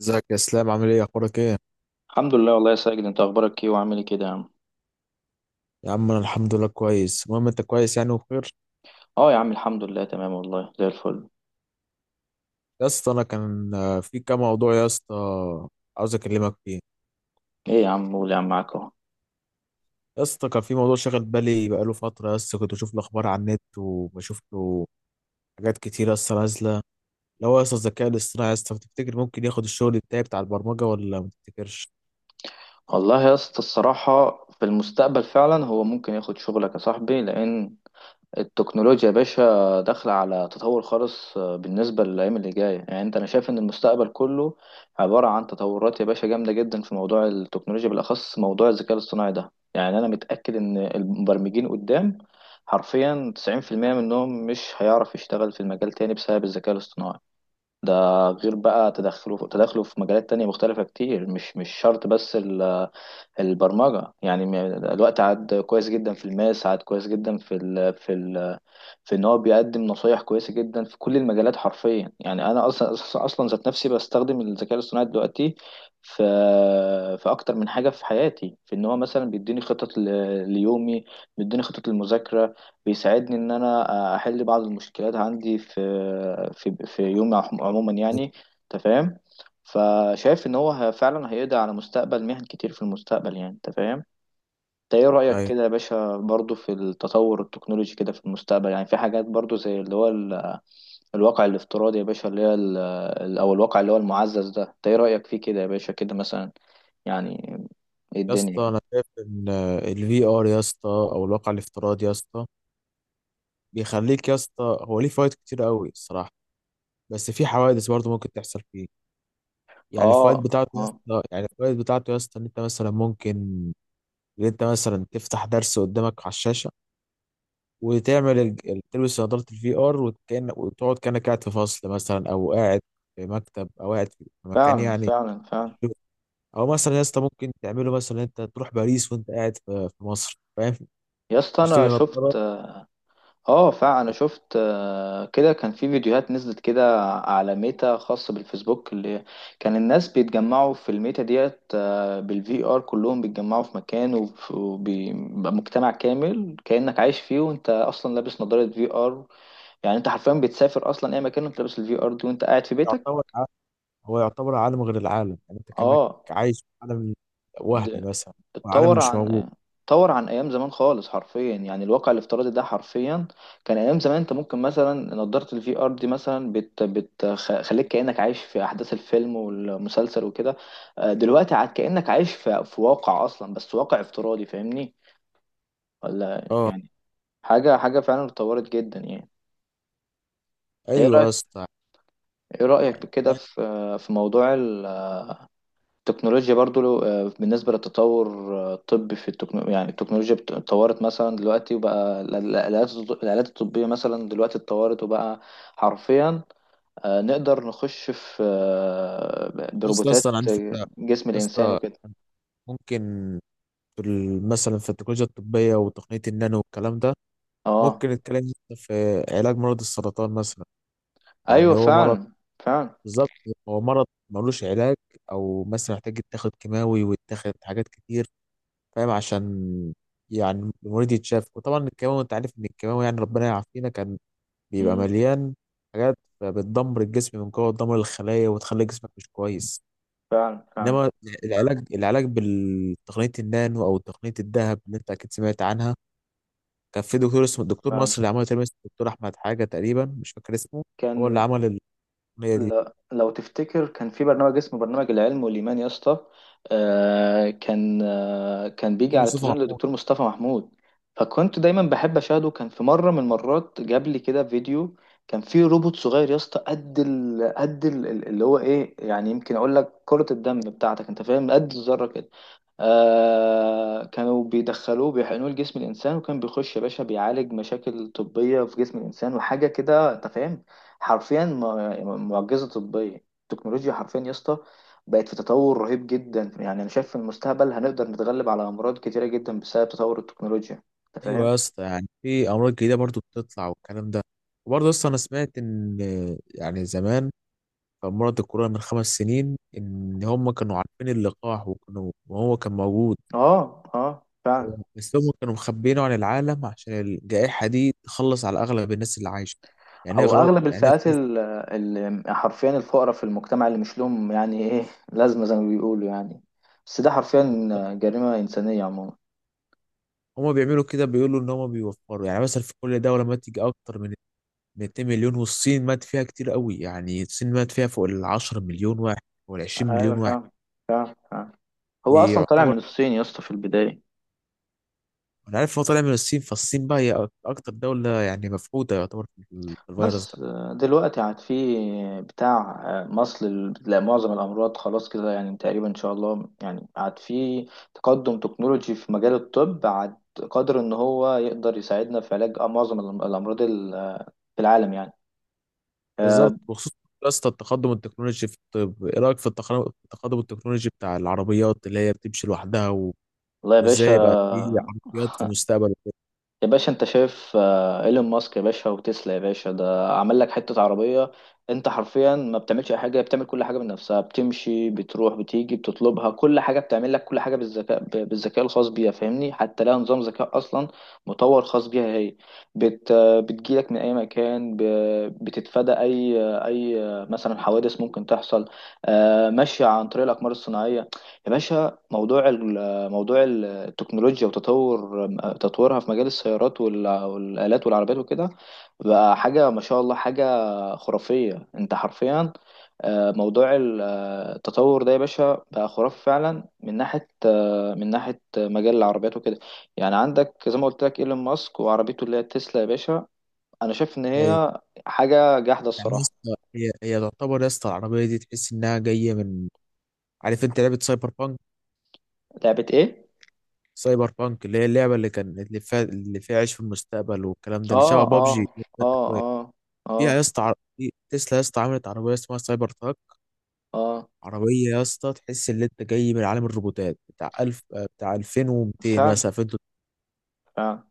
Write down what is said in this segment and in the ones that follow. ازيك يا اسلام؟ عامل ايه؟ اخبارك ايه؟ الحمد لله والله يا ساجد، انت اخبارك ايه وعامل ايه كده يا عم؟ يا عم انا الحمد لله كويس. المهم انت كويس يعني وبخير؟ اه يا عم، الحمد لله، تمام والله زي الفل. يا اسطى انا كان في كام موضوع يا اسطى عاوز اكلمك فيه. ايه يا عم؟ قول يا عم، معاك اهو. يا اسطى كان في موضوع شاغل بالي بقاله فتره يا اسطى، كنت بشوف الاخبار على النت وبشوف له حاجات كتير يا اسطى نازله. لو يا اسطى الذكاء الاصطناعي يا اسطى، بتفتكر ممكن ياخد الشغل بتاعي بتاع البرمجه ولا ما تفتكرش؟ والله يا اسطى، الصراحه في المستقبل فعلا هو ممكن ياخد شغلك يا صاحبي، لان التكنولوجيا يا باشا داخلة على تطور خالص. بالنسبة للأيام اللي جاية، يعني أنا شايف إن المستقبل كله عبارة عن تطورات يا باشا جامدة جدا في موضوع التكنولوجيا، بالأخص موضوع الذكاء الاصطناعي ده. يعني أنا متأكد إن المبرمجين قدام حرفيا 90% منهم مش هيعرف يشتغل في المجال تاني بسبب الذكاء الاصطناعي. ده غير بقى تدخله في مجالات تانية مختلفة كتير، مش شرط بس البرمجة يعني. الوقت عاد كويس جدا، في الماس عاد كويس جدا في ان هو بيقدم نصايح كويسه جدا في كل المجالات حرفيا. يعني انا اصلا اصلا أصلاً ذات نفسي بستخدم الذكاء الاصطناعي دلوقتي، في في اكتر من حاجه في حياتي، في ان هو مثلا بيديني خطط ليومي، بيديني خطط للمذاكره، بيساعدني ان انا احل بعض المشكلات عندي في يومي عموما يعني. انت فاهم؟ فشايف ان هو فعلا هيقضي على مستقبل مهن كتير في المستقبل، يعني انت فاهم. انت ايه رأيك ايوه كده يا باشا برضو في التطور التكنولوجي كده في المستقبل؟ يعني في حاجات برضو زي اللي هو الواقع الافتراضي يا باشا، اللي هي او الواقع اللي هو المعزز ده. انت ايه رأيك فيه كده يا باشا كده مثلا؟ يعني ايه يا الدنيا اسطى، كده؟ انا شايف ان الفي ار يا اسطى او الواقع الافتراضي يا اسطى بيخليك يا اسطى، هو ليه فوائد كتير قوي الصراحه. بس في حوادث برضه ممكن تحصل فيه. يعني اه، الفوائد بتاعته يا اه، اسطى يعني الفوائد بتاعته يا اسطى ان انت مثلا تفتح درس قدامك على الشاشه وتعمل تلبس نظاره الفي ار، وكأن وتقعد كانك قاعد في فصل مثلا، او قاعد في مكتب، او قاعد في مكان فعلا يعني فعلا فعلا. تشوف. او مثلا يا اسطى ممكن تعمله مثلا انت تروح باريس وانت قاعد في مصر، فاهم؟ يا اسطى تشتري انا نظاره شفت اه فعلا، انا شفت كده كان في فيديوهات نزلت كده على ميتا، خاصة بالفيسبوك، اللي كان الناس بيتجمعوا في الميتا ديت بالفي ار، كلهم بيتجمعوا في مكان، وبيبقى مجتمع كامل كأنك عايش فيه، وانت اصلا لابس نظارة في ار. يعني انت حرفيا بتسافر اصلا اي مكان وانت لابس الفي ار دي وانت قاعد في بيتك. يعتبر ع- هو يعتبر عالم غير العالم، يعني انت كانك اه، عايش في عالم وهمي مثلا، عالم اتطور مش موجود. عن اتطور عن ايام زمان خالص، حرفيا يعني. الواقع الافتراضي ده حرفيا كان ايام زمان، انت ممكن مثلا نضاره الفي ار دي مثلا بتخليك كانك عايش في احداث الفيلم والمسلسل وكده. دلوقتي عاد كانك عايش في واقع اصلا، بس واقع افتراضي، فاهمني ولا اه، يعني. حاجه حاجه فعلا اتطورت جدا يعني. إنت ايه ايوه يا رايك اسطى. ايه رايك كده في موضوع التكنولوجيا برضو؟ بالنسبة للتطور الطبي في التكنولوجيا، يعني التكنولوجيا اتطورت مثلا دلوقتي، وبقى الآلات الطبية مثلا دلوقتي اتطورت، وبقى حرفيا نقدر نخش في يا اسطى بروبوتات اصلا عندي فكره يا جسم الإنسان اسطى، وكده. ممكن في ال- مثلا في التكنولوجيا الطبيه وتقنيه النانو والكلام ده، اه، ممكن نتكلم يا اسطى في علاج مرض السرطان مثلا. أيوه، يعني هو مرض، فعلا فعلا، بالظبط، هو مرض ملوش علاج، او مثلا محتاج يتاخد كيماوي ويتاخد حاجات كتير، فاهم؟ عشان يعني المريض يتشاف. وطبعا الكيماوي انت عارف ان الكيماوي يعني ربنا يعافينا كان بيبقى مم، مليان حاجات بتدمر الجسم من جوه، تدمر الخلايا وتخلي جسمك مش كويس. فعلا فعلا انما العلاج، العلاج بالتقنية النانو او تقنية الذهب اللي انت اكيد سمعت عنها، كان في دكتور اسمه الدكتور فعلا. مصر اللي عمله، تقريبا اسمه الدكتور احمد حاجة تقريبا، مش فاكر اسمه. هو اللي كان عمل التقنية دي، لا لو تفتكر كان في برنامج اسمه برنامج العلم والإيمان يا اسطى، كان بيجي دكتور على مصطفى التلفزيون محمود. للدكتور مصطفى محمود. فكنت دايما بحب أشاهده. كان في مرة من المرات جاب لي كده فيديو، كان فيه روبوت صغير يا اسطى اللي هو ايه، يعني يمكن اقول لك كرة الدم بتاعتك، انت فاهم، قد الذرة كده. آه، كانوا بيدخلوه، بيحقنوه لجسم الإنسان، وكان بيخش يا باشا بيعالج مشاكل طبية في جسم الإنسان وحاجة كده، أنت فاهم. حرفيا معجزة طبية. التكنولوجيا حرفيا يا اسطى بقت في تطور رهيب جدا. يعني انا شايف في المستقبل هنقدر نتغلب على امراض كتيرة جدا بسبب تطور التكنولوجيا، انت ايوه فاهم. يا اسطى، يعني في امراض جديدة برضو بتطلع والكلام ده. وبرضه اصلا انا سمعت ان، يعني زمان، كان مرض الكورونا من 5 سنين ان هم كانوا عارفين اللقاح، وكانوا وهو كان موجود، اه، اه، فعلا. بس هم كانوا مخبيينه عن العالم عشان الجائحة دي تخلص على أغلب الناس اللي عايشة، يعني إيه او غلط اغلب يعني. الفئات اللي حرفيا الفقراء في المجتمع اللي مش لهم يعني ايه لازمة، زي ما بيقولوا يعني. بس ده حرفيا جريمة انسانية عموما. هم بيعملوا كده بيقولوا إن هم بيوفروا، يعني مثلا في كل دولة مات يجي أكتر من 2 مليون. والصين مات فيها كتير قوي، يعني الصين مات فيها فوق ال 10 مليون واحد وال 20 ايوه مليون واحد فاهم، فاهم فاهم. هو اصلا طالع يعتبر. من الصين يا اسطى في البداية. أنا عارف هو طالع من الصين، فالصين بقى هي أكتر دولة يعني مفقودة يعتبر في ال- في الفيروس ده. بس دلوقتي عاد في بتاع مصل لا، معظم الأمراض خلاص كده يعني تقريبا إن شاء الله. يعني عاد في تقدم تكنولوجي في مجال الطب، عاد قادر إن هو يقدر يساعدنا في علاج معظم الأمراض في العالم يعني، بالظبط. آه، بخصوص يا اسطى التقدم التكنولوجي في الطب، ايه رايك في التقدم التكنولوجي بتاع العربيات اللي هي بتمشي لوحدها؟ والله يا باشا وازاي يبقى فيه عربيات في المستقبل وكده؟ يا باشا انت شايف ايلون ماسك يا باشا وتسلا يا باشا، ده عمل لك حتة عربية انت حرفيا ما بتعملش اي حاجة، بتعمل كل حاجة بنفسها، بتمشي بتروح بتيجي بتطلبها، كل حاجة بتعمل لك كل حاجة بالذكاء بالذكاء الخاص بيها، فاهمني. حتى لها نظام ذكاء اصلا مطور خاص بيها هي، بتجيلك من اي مكان، بتتفادى اي اي مثلا حوادث ممكن تحصل، ماشية عن طريق الاقمار الصناعية. يا باشا موضوع موضوع التكنولوجيا وتطور تطورها في مجال السيارات والآلات والعربيات وكده بقى حاجة ما شاء الله، حاجة خرافية. انت حرفيا موضوع التطور ده يا باشا بقى خرافي فعلا من ناحية، من ناحية آه، مجال العربيات وكده. يعني عندك زي ما قلت لك ايلون ماسك، وعربيته اللي هي التسلا يا باشا. انا شايف ان هي هي حاجة جاحدة يعني الصراحة. هي تعتبر يا اسطى العربيه دي تحس انها جايه من، عارف انت لعبه سايبر بانك؟ لعبة ايه؟ سايبر بانك اللي هي اللعبه اللي كان اللي فيها عيش في المستقبل والكلام ده، اللي اه، شبه اه، بابجي اه، فيها. اه، اه، يا اسطى تسلا يا اسطى عملت عربيه اسمها سايبر تراك، اه، عربيه يا اسطى تحس ان انت جاي من عالم الروبوتات بتاع 1000 بتاع 2200 فعلا مثلا 2300، فعلا.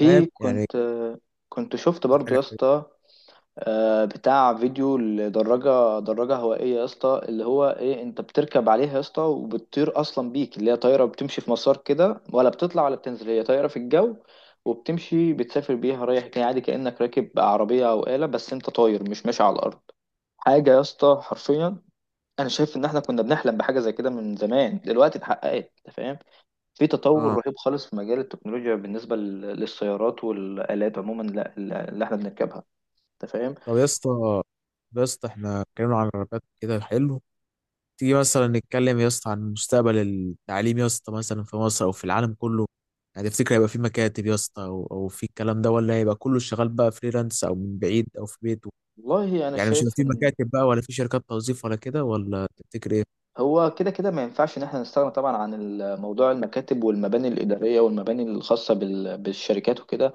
فاهم يعني؟ كنت كنت شفت كانت برضو حاجه يا حلوه. اسطى بتاع فيديو لدراجة هوائية يا اسطى، اللي هو ايه، انت بتركب عليها يا اسطى وبتطير اصلا بيك، اللي هي طايرة بتمشي في مسار كده، ولا بتطلع ولا بتنزل، هي طايرة في الجو، وبتمشي بتسافر بيها رايح جاي عادي كأنك راكب عربية او آلة، بس انت طاير مش ماشي على الارض. حاجة يا اسطى حرفيا. انا شايف ان احنا كنا بنحلم بحاجة زي كده من زمان، دلوقتي اتحققت، انت فاهم. في تطور اه. رهيب خالص في مجال التكنولوجيا بالنسبة للسيارات والآلات عموما، اللي احنا بنركبها، انت فاهم. طب يا اسطى، طب يا اسطى احنا اتكلمنا عن العربيات كده، حلو. تيجي مثلا نتكلم يا اسطى عن مستقبل التعليم يا اسطى، مثلا في مصر او في العالم كله. يعني تفتكر هيبقى في مكاتب يا اسطى او او في الكلام ده، ولا هيبقى كله شغال بقى فريلانس او من بعيد او في بيته؟ والله انا يعني مش هيبقى شايف في ان مكاتب بقى، ولا في شركات توظيف ولا كده، ولا تفتكر ايه؟ هو كده كده ما ينفعش ان احنا نستغنى طبعا عن موضوع المكاتب والمباني الإدارية والمباني الخاصة بالشركات وكده،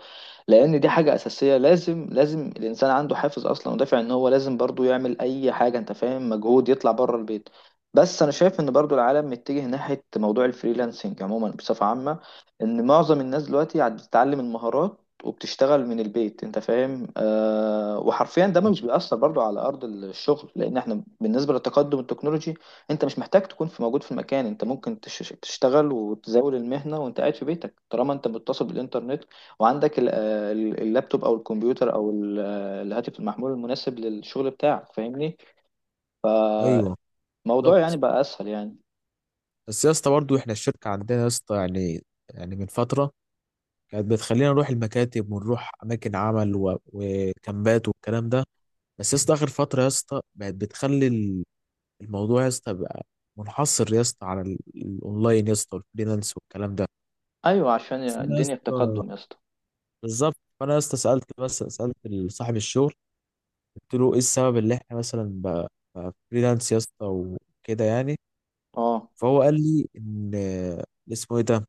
لان دي حاجه اساسيه. لازم لازم الانسان عنده حافز اصلا ودافع ان هو لازم برضو يعمل اي حاجه، انت فاهم، مجهود يطلع بره البيت. بس انا شايف ان برضو العالم متجه ناحيه موضوع الفريلانسنج عموما بصفه عامه، ان معظم الناس دلوقتي عاد بتتعلم المهارات وبتشتغل من البيت، انت فاهم. وحرفيا ده مش بيأثر برضو على ارض الشغل، لان احنا بالنسبه للتقدم التكنولوجي انت مش محتاج تكون في موجود في المكان. انت ممكن تشتغل وتزاول المهنه وانت قاعد في بيتك، طالما انت متصل بالانترنت وعندك اللابتوب او الكمبيوتر او الهاتف المحمول المناسب للشغل بتاعك، فاهمني. ايوه. الموضوع يعني بالظبط. بقى اسهل يعني. بس يا اسطى برضه احنا الشركه عندنا يا اسطى يعني، يعني من فتره كانت بتخلينا نروح المكاتب ونروح اماكن عمل و- وكامبات والكلام ده. بس يا اسطى اخر فتره يا اسطى بقت بتخلي الموضوع يا اسطى بقى منحصر يا اسطى على ال- الاونلاين يا اسطى، والفريلانس والكلام ده. ايوه، عشان فانا يا الدنيا اسطى، التقدم يا اسطى. بالظبط، فانا يا اسطى سالت، بس سالت صاحب الشغل، قلت له ايه السبب اللي احنا مثلا بقى فريلانس يا اسطى وكده يعني؟ اه، فهو قال لي ان اللي اسمه ايه ده،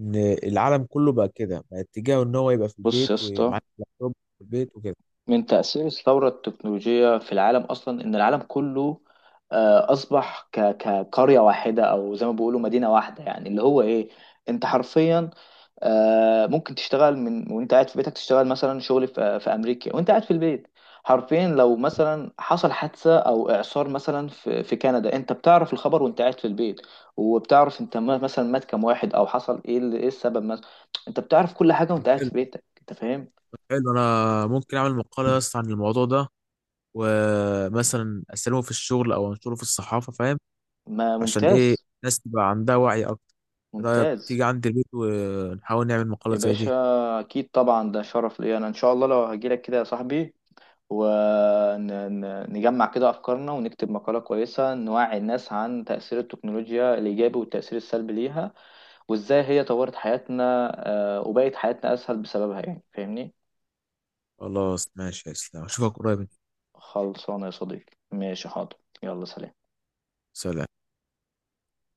ان العالم كله بقى كده، بقى اتجاهه ان هو يبقى في بص يا البيت اسطى، ومعاه اللابتوب في البيت وكده. من تأثير الثورة التكنولوجية في العالم أصلا إن العالم كله أصبح كقرية واحدة، أو زي ما بيقولوا مدينة واحدة. يعني اللي هو إيه، أنت حرفيا ممكن تشتغل من وانت قاعد في بيتك، تشتغل مثلا شغل في في امريكا وانت قاعد في البيت. حرفيا لو مثلا حصل حادثة او اعصار مثلا في كندا، انت بتعرف الخبر وانت قاعد في البيت، وبتعرف انت مثلا مات كام واحد او حصل ايه، ايه السبب مثلا. انت بتعرف كل حاجة وانت قاعد حلو. في بيتك، انت فاهم. حلو، انا ممكن اعمل مقاله يا اسطى عن الموضوع ده، ومثلا اسلمه في الشغل او انشره في الصحافه، فاهم؟ ما عشان ايه؟ ممتاز، الناس تبقى عندها وعي اكتر. إيه رايك ممتاز. تيجي عندي البيت ونحاول نعمل مقالة يا زي باشا دي؟ اكيد طبعا، ده شرف ليا انا ان شاء الله لو هجيلك كده يا صاحبي، ونجمع كده أفكارنا ونكتب مقالة كويسة نوعي الناس عن تأثير التكنولوجيا الإيجابي والتأثير السلبي ليها، وإزاي هي طورت حياتنا، وبقت حياتنا أسهل بسببها يعني، فاهمني؟ خلاص ماشي يا اسلام، اشوفك قريب. خلصانة يا صديقي، ماشي حاضر. يلا سلام. سلام.